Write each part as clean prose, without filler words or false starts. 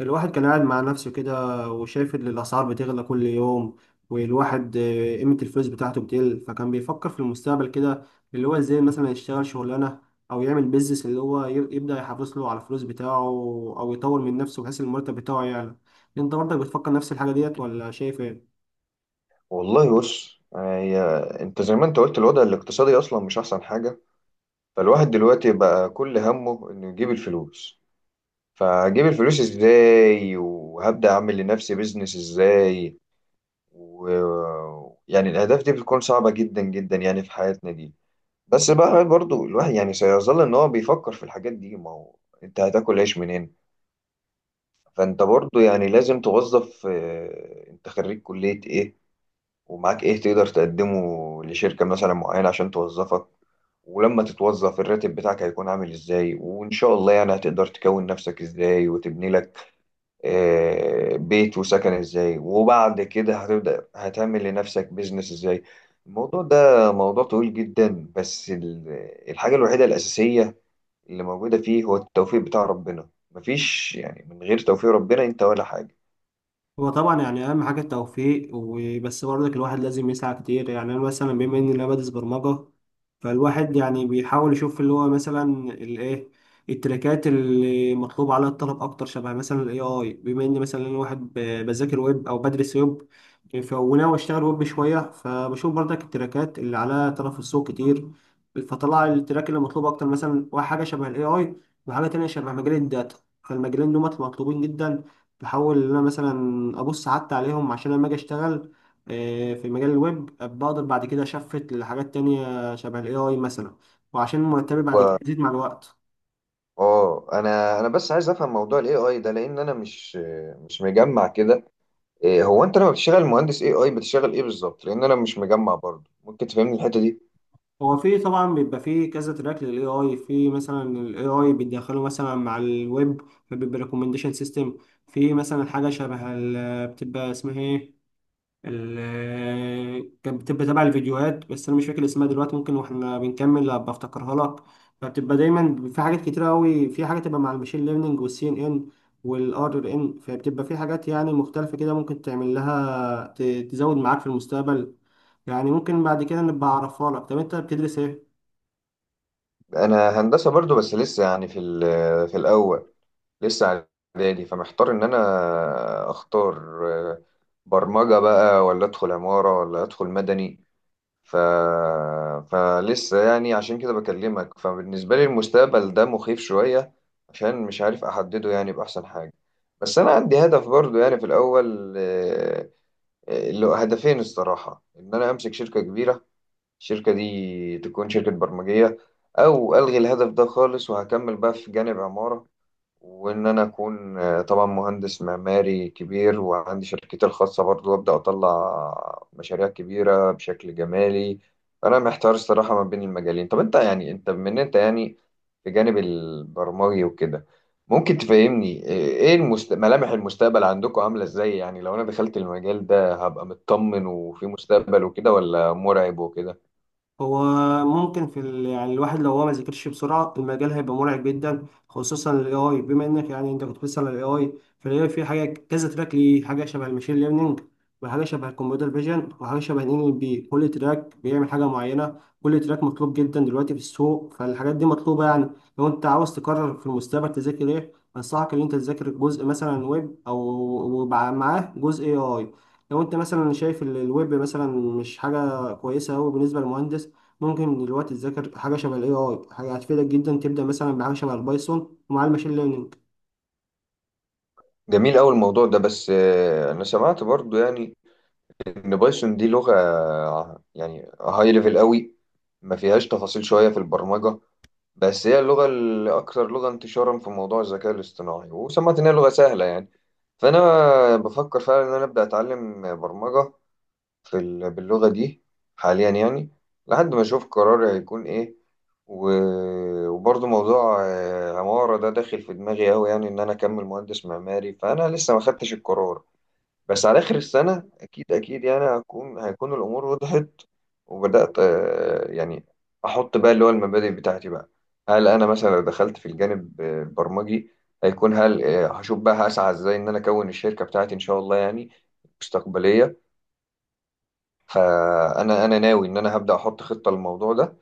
الواحد كان قاعد مع نفسه كده وشايف ان الاسعار بتغلى كل يوم والواحد قيمة الفلوس بتاعته بتقل فكان بيفكر في المستقبل كده اللي هو ازاي مثلا يشتغل شغلانة او يعمل بيزنس اللي هو يبدأ يحافظ له على الفلوس بتاعه او يطور من نفسه بحيث المرتب بتاعه يعلى. انت برضك بتفكر نفس الحاجة ديت ولا شايف ايه؟ والله بص، هي انت زي ما انت قلت الوضع الاقتصادي اصلا مش احسن حاجه. فالواحد دلوقتي بقى كل همه انه يجيب الفلوس. فهجيب الفلوس ازاي وهبدا اعمل لنفسي بيزنس ازاي و يعني الاهداف دي بتكون صعبه جدا جدا يعني في حياتنا دي. بس بقى برضو الواحد يعني سيظل ان هو بيفكر في الحاجات دي، ما هو انت هتاكل عيش منين؟ فانت برضو يعني لازم توظف، انت خريج كليه ايه؟ ومعاك ايه تقدر تقدمه لشركة مثلا معينة عشان توظفك؟ ولما تتوظف الراتب بتاعك هيكون عامل ازاي؟ وان شاء الله يعني هتقدر تكون نفسك ازاي وتبني لك بيت وسكن ازاي. وبعد كده هتبدأ هتعمل لنفسك بيزنس ازاي. الموضوع ده موضوع طويل جدا، بس الحاجة الوحيدة الأساسية اللي موجودة فيه هو التوفيق بتاع ربنا. مفيش يعني من غير توفيق ربنا انت ولا حاجة. هو طبعا يعني اهم حاجه التوفيق وبس، برضك الواحد لازم يسعى كتير. يعني انا مثلا بما اني انا بدرس برمجه فالواحد يعني بيحاول يشوف اللي هو مثلا الايه، التريكات اللي مطلوب عليها الطلب اكتر شبه مثلا الاي اي. بما اني مثلا انا واحد بذاكر ويب او بدرس ويب وناوي اشتغل ويب شويه فبشوف برضك التريكات اللي عليها طلب في السوق كتير، فطلع التراك اللي مطلوب اكتر مثلا واحد حاجه شبه الاي اي وحاجه تانية شبه مجال الداتا. فالمجالين دول مطلوبين جدا، بحاول ان انا مثلا ابص حتى عليهم عشان لما اجي اشتغل في مجال الويب بقدر بعد كده اشفت لحاجات تانية شبه الاي اي مثلا، وعشان مرتبي بعد كده هو يزيد مع الوقت. اه، انا بس عايز افهم موضوع الاي اي ده لان انا مش مجمع كده. إيه هو انت لما بتشتغل مهندس اي اي بتشتغل ايه بالظبط؟ لان انا مش مجمع برضه. ممكن تفهمني الحته دي؟ هو في طبعا بيبقى في كذا تراك للاي اي، في مثلا الاي اي بيدخله مثلا مع الويب فبيبقى ريكومنديشن سيستم، في مثلا حاجه شبه بتبقى اسمها ايه، كانت بتبقى تبع الفيديوهات بس انا مش فاكر اسمها دلوقتي، ممكن واحنا بنكمل ابقى افتكرها لك. فبتبقى دايما في حاجات كتير قوي، في حاجه تبقى مع المشين ليرنينج والسي ان ان والار ان، فبتبقى في حاجات يعني مختلفه كده ممكن تعمل لها تزود معاك في المستقبل. يعني ممكن بعد كده نبقى اعرفها لك. طب انت بتدرس ايه؟ انا هندسه برضه، بس لسه يعني في في الاول، لسه اعدادي. فمحتار ان انا اختار، آه، برمجه بقى، ولا ادخل عماره، ولا ادخل مدني. ف... فلسه يعني عشان كده بكلمك. فبالنسبة لي المستقبل ده مخيف شوية، عشان مش عارف أحدده يعني بأحسن حاجة. بس أنا عندي هدف برضو يعني في الأول، اللي هو هدفين الصراحة، إن أنا أمسك شركة كبيرة، الشركة دي تكون شركة برمجية. أو ألغي الهدف ده خالص وهكمل بقى في جانب عمارة، وإن أنا أكون طبعا مهندس معماري كبير وعندي شركتي الخاصة برضو، وأبدأ أطلع مشاريع كبيرة بشكل جمالي. أنا محتار الصراحة ما بين المجالين. طب أنت يعني أنت بما إن أنت يعني في جانب البرمجي وكده، ممكن تفهمني إيه ملامح المستقبل عندكم عاملة إزاي؟ يعني لو أنا دخلت المجال ده هبقى مطمن وفي مستقبل وكده، ولا مرعب وكده؟ هو ممكن يعني الواحد لو هو ما ذاكرش بسرعة المجال هيبقى مرعب جدا، خصوصا ال AI بما انك يعني انت كنت بتسأل على ال AI. فال AI فيه حاجة كذا تراك، ليه حاجة شبه الماشين ليرنينج وحاجة شبه الكمبيوتر فيجن وحاجة شبه ان ال NLP. كل تراك بيعمل حاجة معينة، كل تراك مطلوب جدا دلوقتي في السوق فالحاجات دي مطلوبة. يعني لو انت عاوز تقرر في المستقبل تذاكر ايه، أنصحك إن أنت تذاكر جزء مثلا ويب أو معاه جزء AI. لو أنت مثلا شايف الويب مثلا مش حاجة كويسة أوي بالنسبة للمهندس، ممكن دلوقتي تذاكر حاجة شبه ال AI. حاجة هتفيدك جدا تبدأ مثلا بحاجة شبه البايثون ومع الماشين ليرنينج. جميل أوي الموضوع ده، بس أنا سمعت برضو يعني ان بايثون دي لغه يعني هاي ليفل قوي، ما فيهاش تفاصيل شويه في البرمجه. بس هي اللغه الاكثر لغه انتشارا في موضوع الذكاء الاصطناعي، وسمعت ان هي لغه سهله يعني. فانا بفكر فعلا ان انا ابدا اتعلم برمجه في باللغه دي حاليا يعني، لحد ما اشوف قراري هيكون ايه. وبرضه موضوع عمارة ده داخل في دماغي أوي، يعني إن أنا أكمل مهندس معماري. فأنا لسه ما خدتش القرار، بس على آخر السنة أكيد أكيد يعني هيكون الأمور وضحت. وبدأت يعني أحط بقى اللي هو المبادئ بتاعتي بقى. هل أنا مثلا لو دخلت في الجانب البرمجي، هل هشوف بقى هسعى إزاي إن أنا أكون الشركة بتاعتي إن شاء الله يعني مستقبلية؟ فأنا أنا ناوي إن أنا هبدأ أحط خطة للموضوع ده.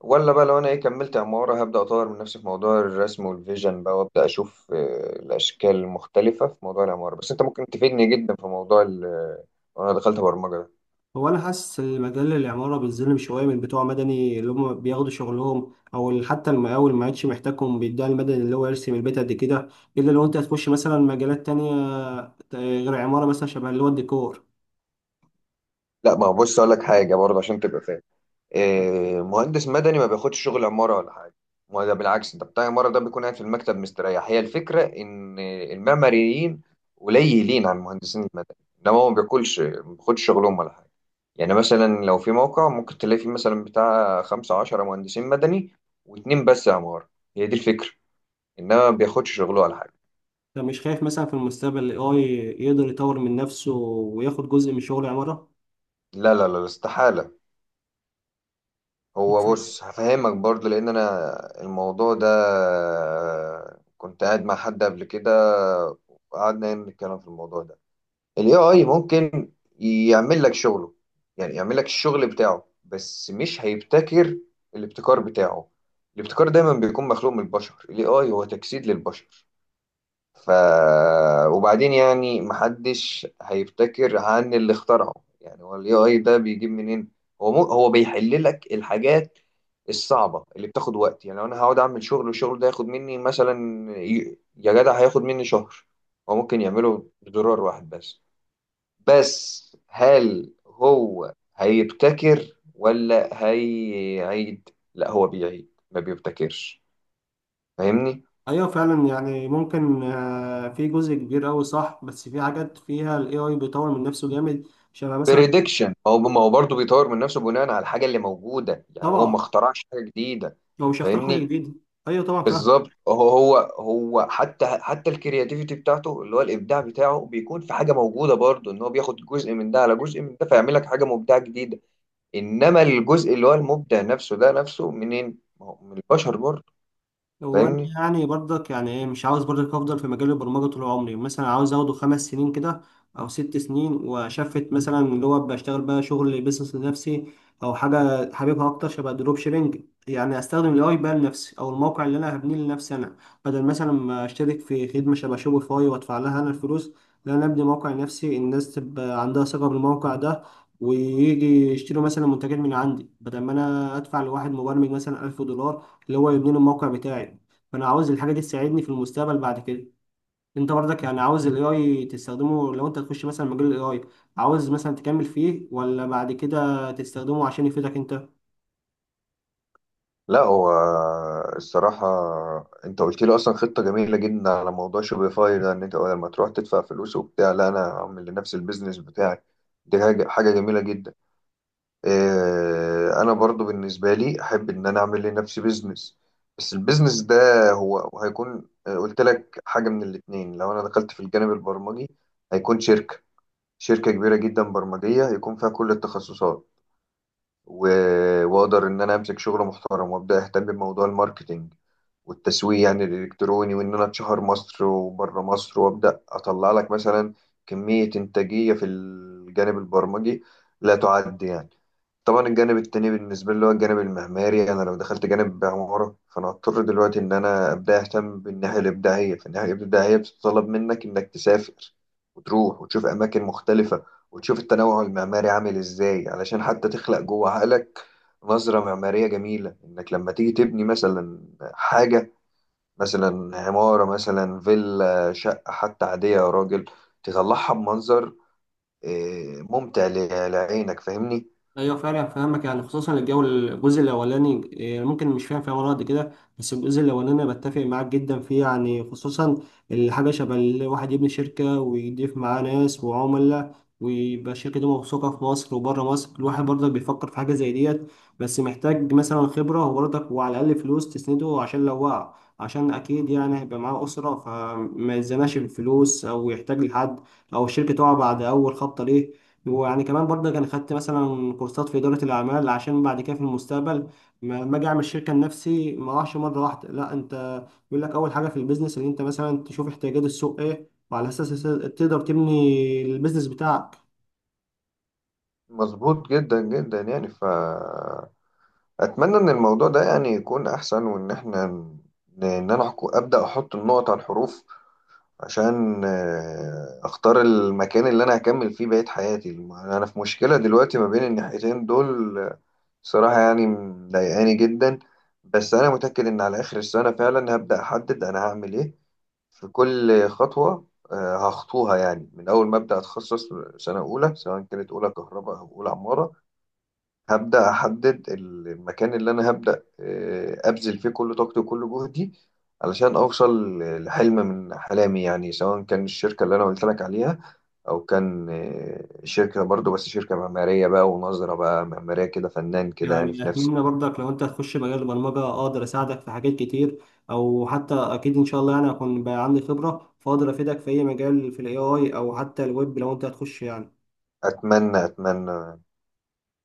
ولا بقى لو انا ايه كملت عمارة، هبدأ اطور من نفسي في موضوع الرسم والفيجن بقى، وابدأ اشوف الاشكال المختلفة في موضوع العمارة. بس انت ممكن تفيدني جدا في موضوع وانا دخلت برمجة ده. هو أنا حاسس إن مجال العمارة بيتظلم شوية من بتوع مدني اللي هم بياخدوا شغلهم، أو اللي حتى المقاول ما عادش محتاجهم بيدعي المدني اللي هو يرسم البيت قد كده، إلا لو أنت هتخش مثلا مجالات تانية غير عمارة مثلا شبه اللي هو الديكور. لا ما هو بص اقول لك حاجة برضه عشان تبقى فاهم، إيه، مهندس مدني ما بياخدش شغل عمارة ولا حاجة. ما ده بالعكس، انت بتاع عمارة ده بيكون قاعد في المكتب مستريح. هي الفكرة ان المعماريين قليلين عن المهندسين المدني، انما هو ما بياكلش، ما بياخدش شغلهم ولا حاجة. يعني مثلا لو في موقع ممكن تلاقي فيه مثلا بتاع 15 مهندسين مدني، واتنين بس عمارة. هي دي الفكرة، انما ما بياخدش شغله ولا حاجة. فمش خايف مثلا في المستقبل ال AI يقدر يطور من نفسه وياخد جزء من شغل العمارة؟ لا لا لا، استحالة. هو بص هفهمك برضو، لان انا الموضوع ده كنت قاعد مع حد قبل كده، وقعدنا نتكلم في الموضوع ده. الاي اي ممكن يعمل لك شغله، يعني يعمل لك الشغل بتاعه، بس مش هيبتكر الابتكار بتاعه. الابتكار دايما بيكون مخلوق من البشر، الاي اي هو تجسيد للبشر. ف وبعدين يعني محدش هيفتكر عن اللي اخترعه. يعني هو الاي اي ده بيجيب منين؟ هو مو هو بيحل لك الحاجات الصعبه اللي بتاخد وقت. يعني لو انا هقعد اعمل شغل والشغل ده ياخد مني مثلا، يا جدع هياخد مني شهر، هو ممكن يعمله بزرار واحد بس. بس هل هو هيبتكر، ولا هيعيد؟ لا هو بيعيد ما بيبتكرش، فاهمني؟ ايوه فعلا، يعني ممكن في جزء كبير قوي صح، بس في حاجات فيها الاي اي بيطور من نفسه جامد شبه مثلا. بريدكشن، ما هو برضه بيطور من نفسه بناء على الحاجه اللي موجوده، يعني هو ما طبعا اخترعش حاجه جديده. هو مش هيخترع حاجه فاهمني؟ جديده. ايوه طبعا فاهم. بالظبط. هو هو حتى الكرياتيفيتي بتاعته اللي هو الابداع بتاعه بيكون في حاجه موجوده برضه، ان هو بياخد جزء من ده على جزء من ده، فيعمل لك حاجه مبدعه جديده. انما الجزء اللي هو المبدع نفسه ده، نفسه منين؟ ما هو من البشر برضه. هو انا فاهمني؟ يعني برضك يعني ايه، مش عاوز برضك افضل في مجال البرمجه طول عمري، مثلا عاوز اخده 5 سنين كده او 6 سنين واشفت مثلا اللي هو بشتغل بقى شغل بيزنس لنفسي او حاجه حاببها اكتر شبه الدروب شيبنج. يعني استخدم الاي بقى لنفسي، او الموقع اللي انا هبنيه لنفسي انا، بدل مثلا ما اشترك في خدمه شبه شوبيفاي وادفع لها انا الفلوس. لا، انا ابني موقع لنفسي الناس تبقى عندها ثقه بالموقع ده ويجي يشتروا مثلا منتجات من عندي، بدل ما انا ادفع لواحد مبرمج مثلا 1000 دولار اللي هو يبني لي الموقع بتاعي. فانا عاوز الحاجه دي تساعدني في المستقبل بعد كده. انت برضك يعني عاوز الاي اي تستخدمه لو انت تخش مثلا مجال الاي اي؟ عاوز مثلا تكمل فيه ولا بعد كده تستخدمه عشان يفيدك انت؟ لا هو الصراحة انت قلت لي اصلا خطة جميلة جدا على موضوع شوبيفاي ده، ان انت بدل ما تروح تدفع فلوس وبتاع، لا انا هعمل لنفسي البيزنس بتاعي. دي حاجة، حاجة جميلة جدا. اه انا برضو بالنسبة لي احب ان انا اعمل لنفسي بيزنس، بس البيزنس ده هو هيكون قلت لك حاجة من الاتنين. لو انا دخلت في الجانب البرمجي هيكون شركة كبيرة جدا برمجية هيكون فيها كل التخصصات، واقدر ان انا امسك شغل محترم، وابدا اهتم بموضوع الماركتينج والتسويق يعني الالكتروني، وان انا اتشهر مصر وبره مصر، وابدا اطلع لك مثلا كمية انتاجية في الجانب البرمجي لا تعد يعني. طبعا الجانب التاني بالنسبة لي اللي هو الجانب المعماري، أنا لو دخلت جانب عمارة فأنا هضطر دلوقتي إن أنا أبدأ أهتم بالناحية الإبداعية. فالناحية الإبداعية بتتطلب منك إنك تسافر وتروح وتشوف أماكن مختلفة، وتشوف التنوع المعماري عامل إزاي، علشان حتى تخلق جوه عقلك نظرة معمارية جميلة. إنك لما تيجي تبني مثلا حاجة، مثلا عمارة، مثلا فيلا، شقة حتى عادية يا راجل، تطلعها بمنظر ممتع لعينك. فاهمني؟ ايوه فعلا فاهمك، يعني خصوصا الجو الجزء الاولاني ممكن مش فاهم فيه ولا قد كده، بس الجزء الاولاني انا بتفق معاك جدا فيه. يعني خصوصا الحاجه شبه الواحد يبني شركه ويضيف معاه ناس وعملاء ويبقى الشركه دي موثوقه في مصر وبره مصر، الواحد برضك بيفكر في حاجه زي ديت. بس محتاج مثلا خبره وبرضك وعلى الاقل فلوس تسنده عشان لو وقع، عشان اكيد يعني هيبقى معاه اسره فما يتزنقش بالفلوس او يحتاج لحد، او الشركه تقع بعد اول خبطه ليه. ويعني كمان برضه كان خدت مثلا كورسات في إدارة الأعمال عشان بعد كده في المستقبل ما أجي أعمل شركة لنفسي ما أروحش مرة واحدة. لا، أنت بيقول لك أول حاجة في البيزنس إن أنت مثلا تشوف احتياجات السوق إيه وعلى أساس تقدر تبني البيزنس بتاعك. مظبوط جدا جدا يعني، فأتمنى إن الموضوع ده يعني يكون أحسن، وإن إحنا إن أنا أبدأ أحط النقط على الحروف، عشان أختار المكان اللي أنا هكمل فيه بقية حياتي. أنا في مشكلة دلوقتي ما بين الناحيتين دول، صراحة يعني مضايقاني جدا. بس أنا متأكد إن على آخر السنة فعلا هبدأ أحدد أنا هعمل إيه في كل خطوة هخطوها، يعني من أول ما أبدأ أتخصص سنة أولى، سواء كانت أولى كهرباء أو أولى عمارة، هبدأ أحدد المكان اللي أنا هبدأ أبذل فيه كل طاقتي وكل جهدي علشان أوصل لحلم من أحلامي. يعني سواء كان الشركة اللي أنا قلت لك عليها، أو كان شركة برضو، بس شركة معمارية بقى، ونظرة بقى معمارية كده فنان كده يعني يعني في نفسي. أتمنى برضك لو أنت هتخش مجال البرمجة أقدر أساعدك في حاجات كتير، أو حتى أكيد إن شاء الله يعني هكون بقى عندي خبرة فأقدر أفيدك في أي مجال في ال AI أو حتى الويب لو أنت هتخش يعني. أتمنى أتمنى.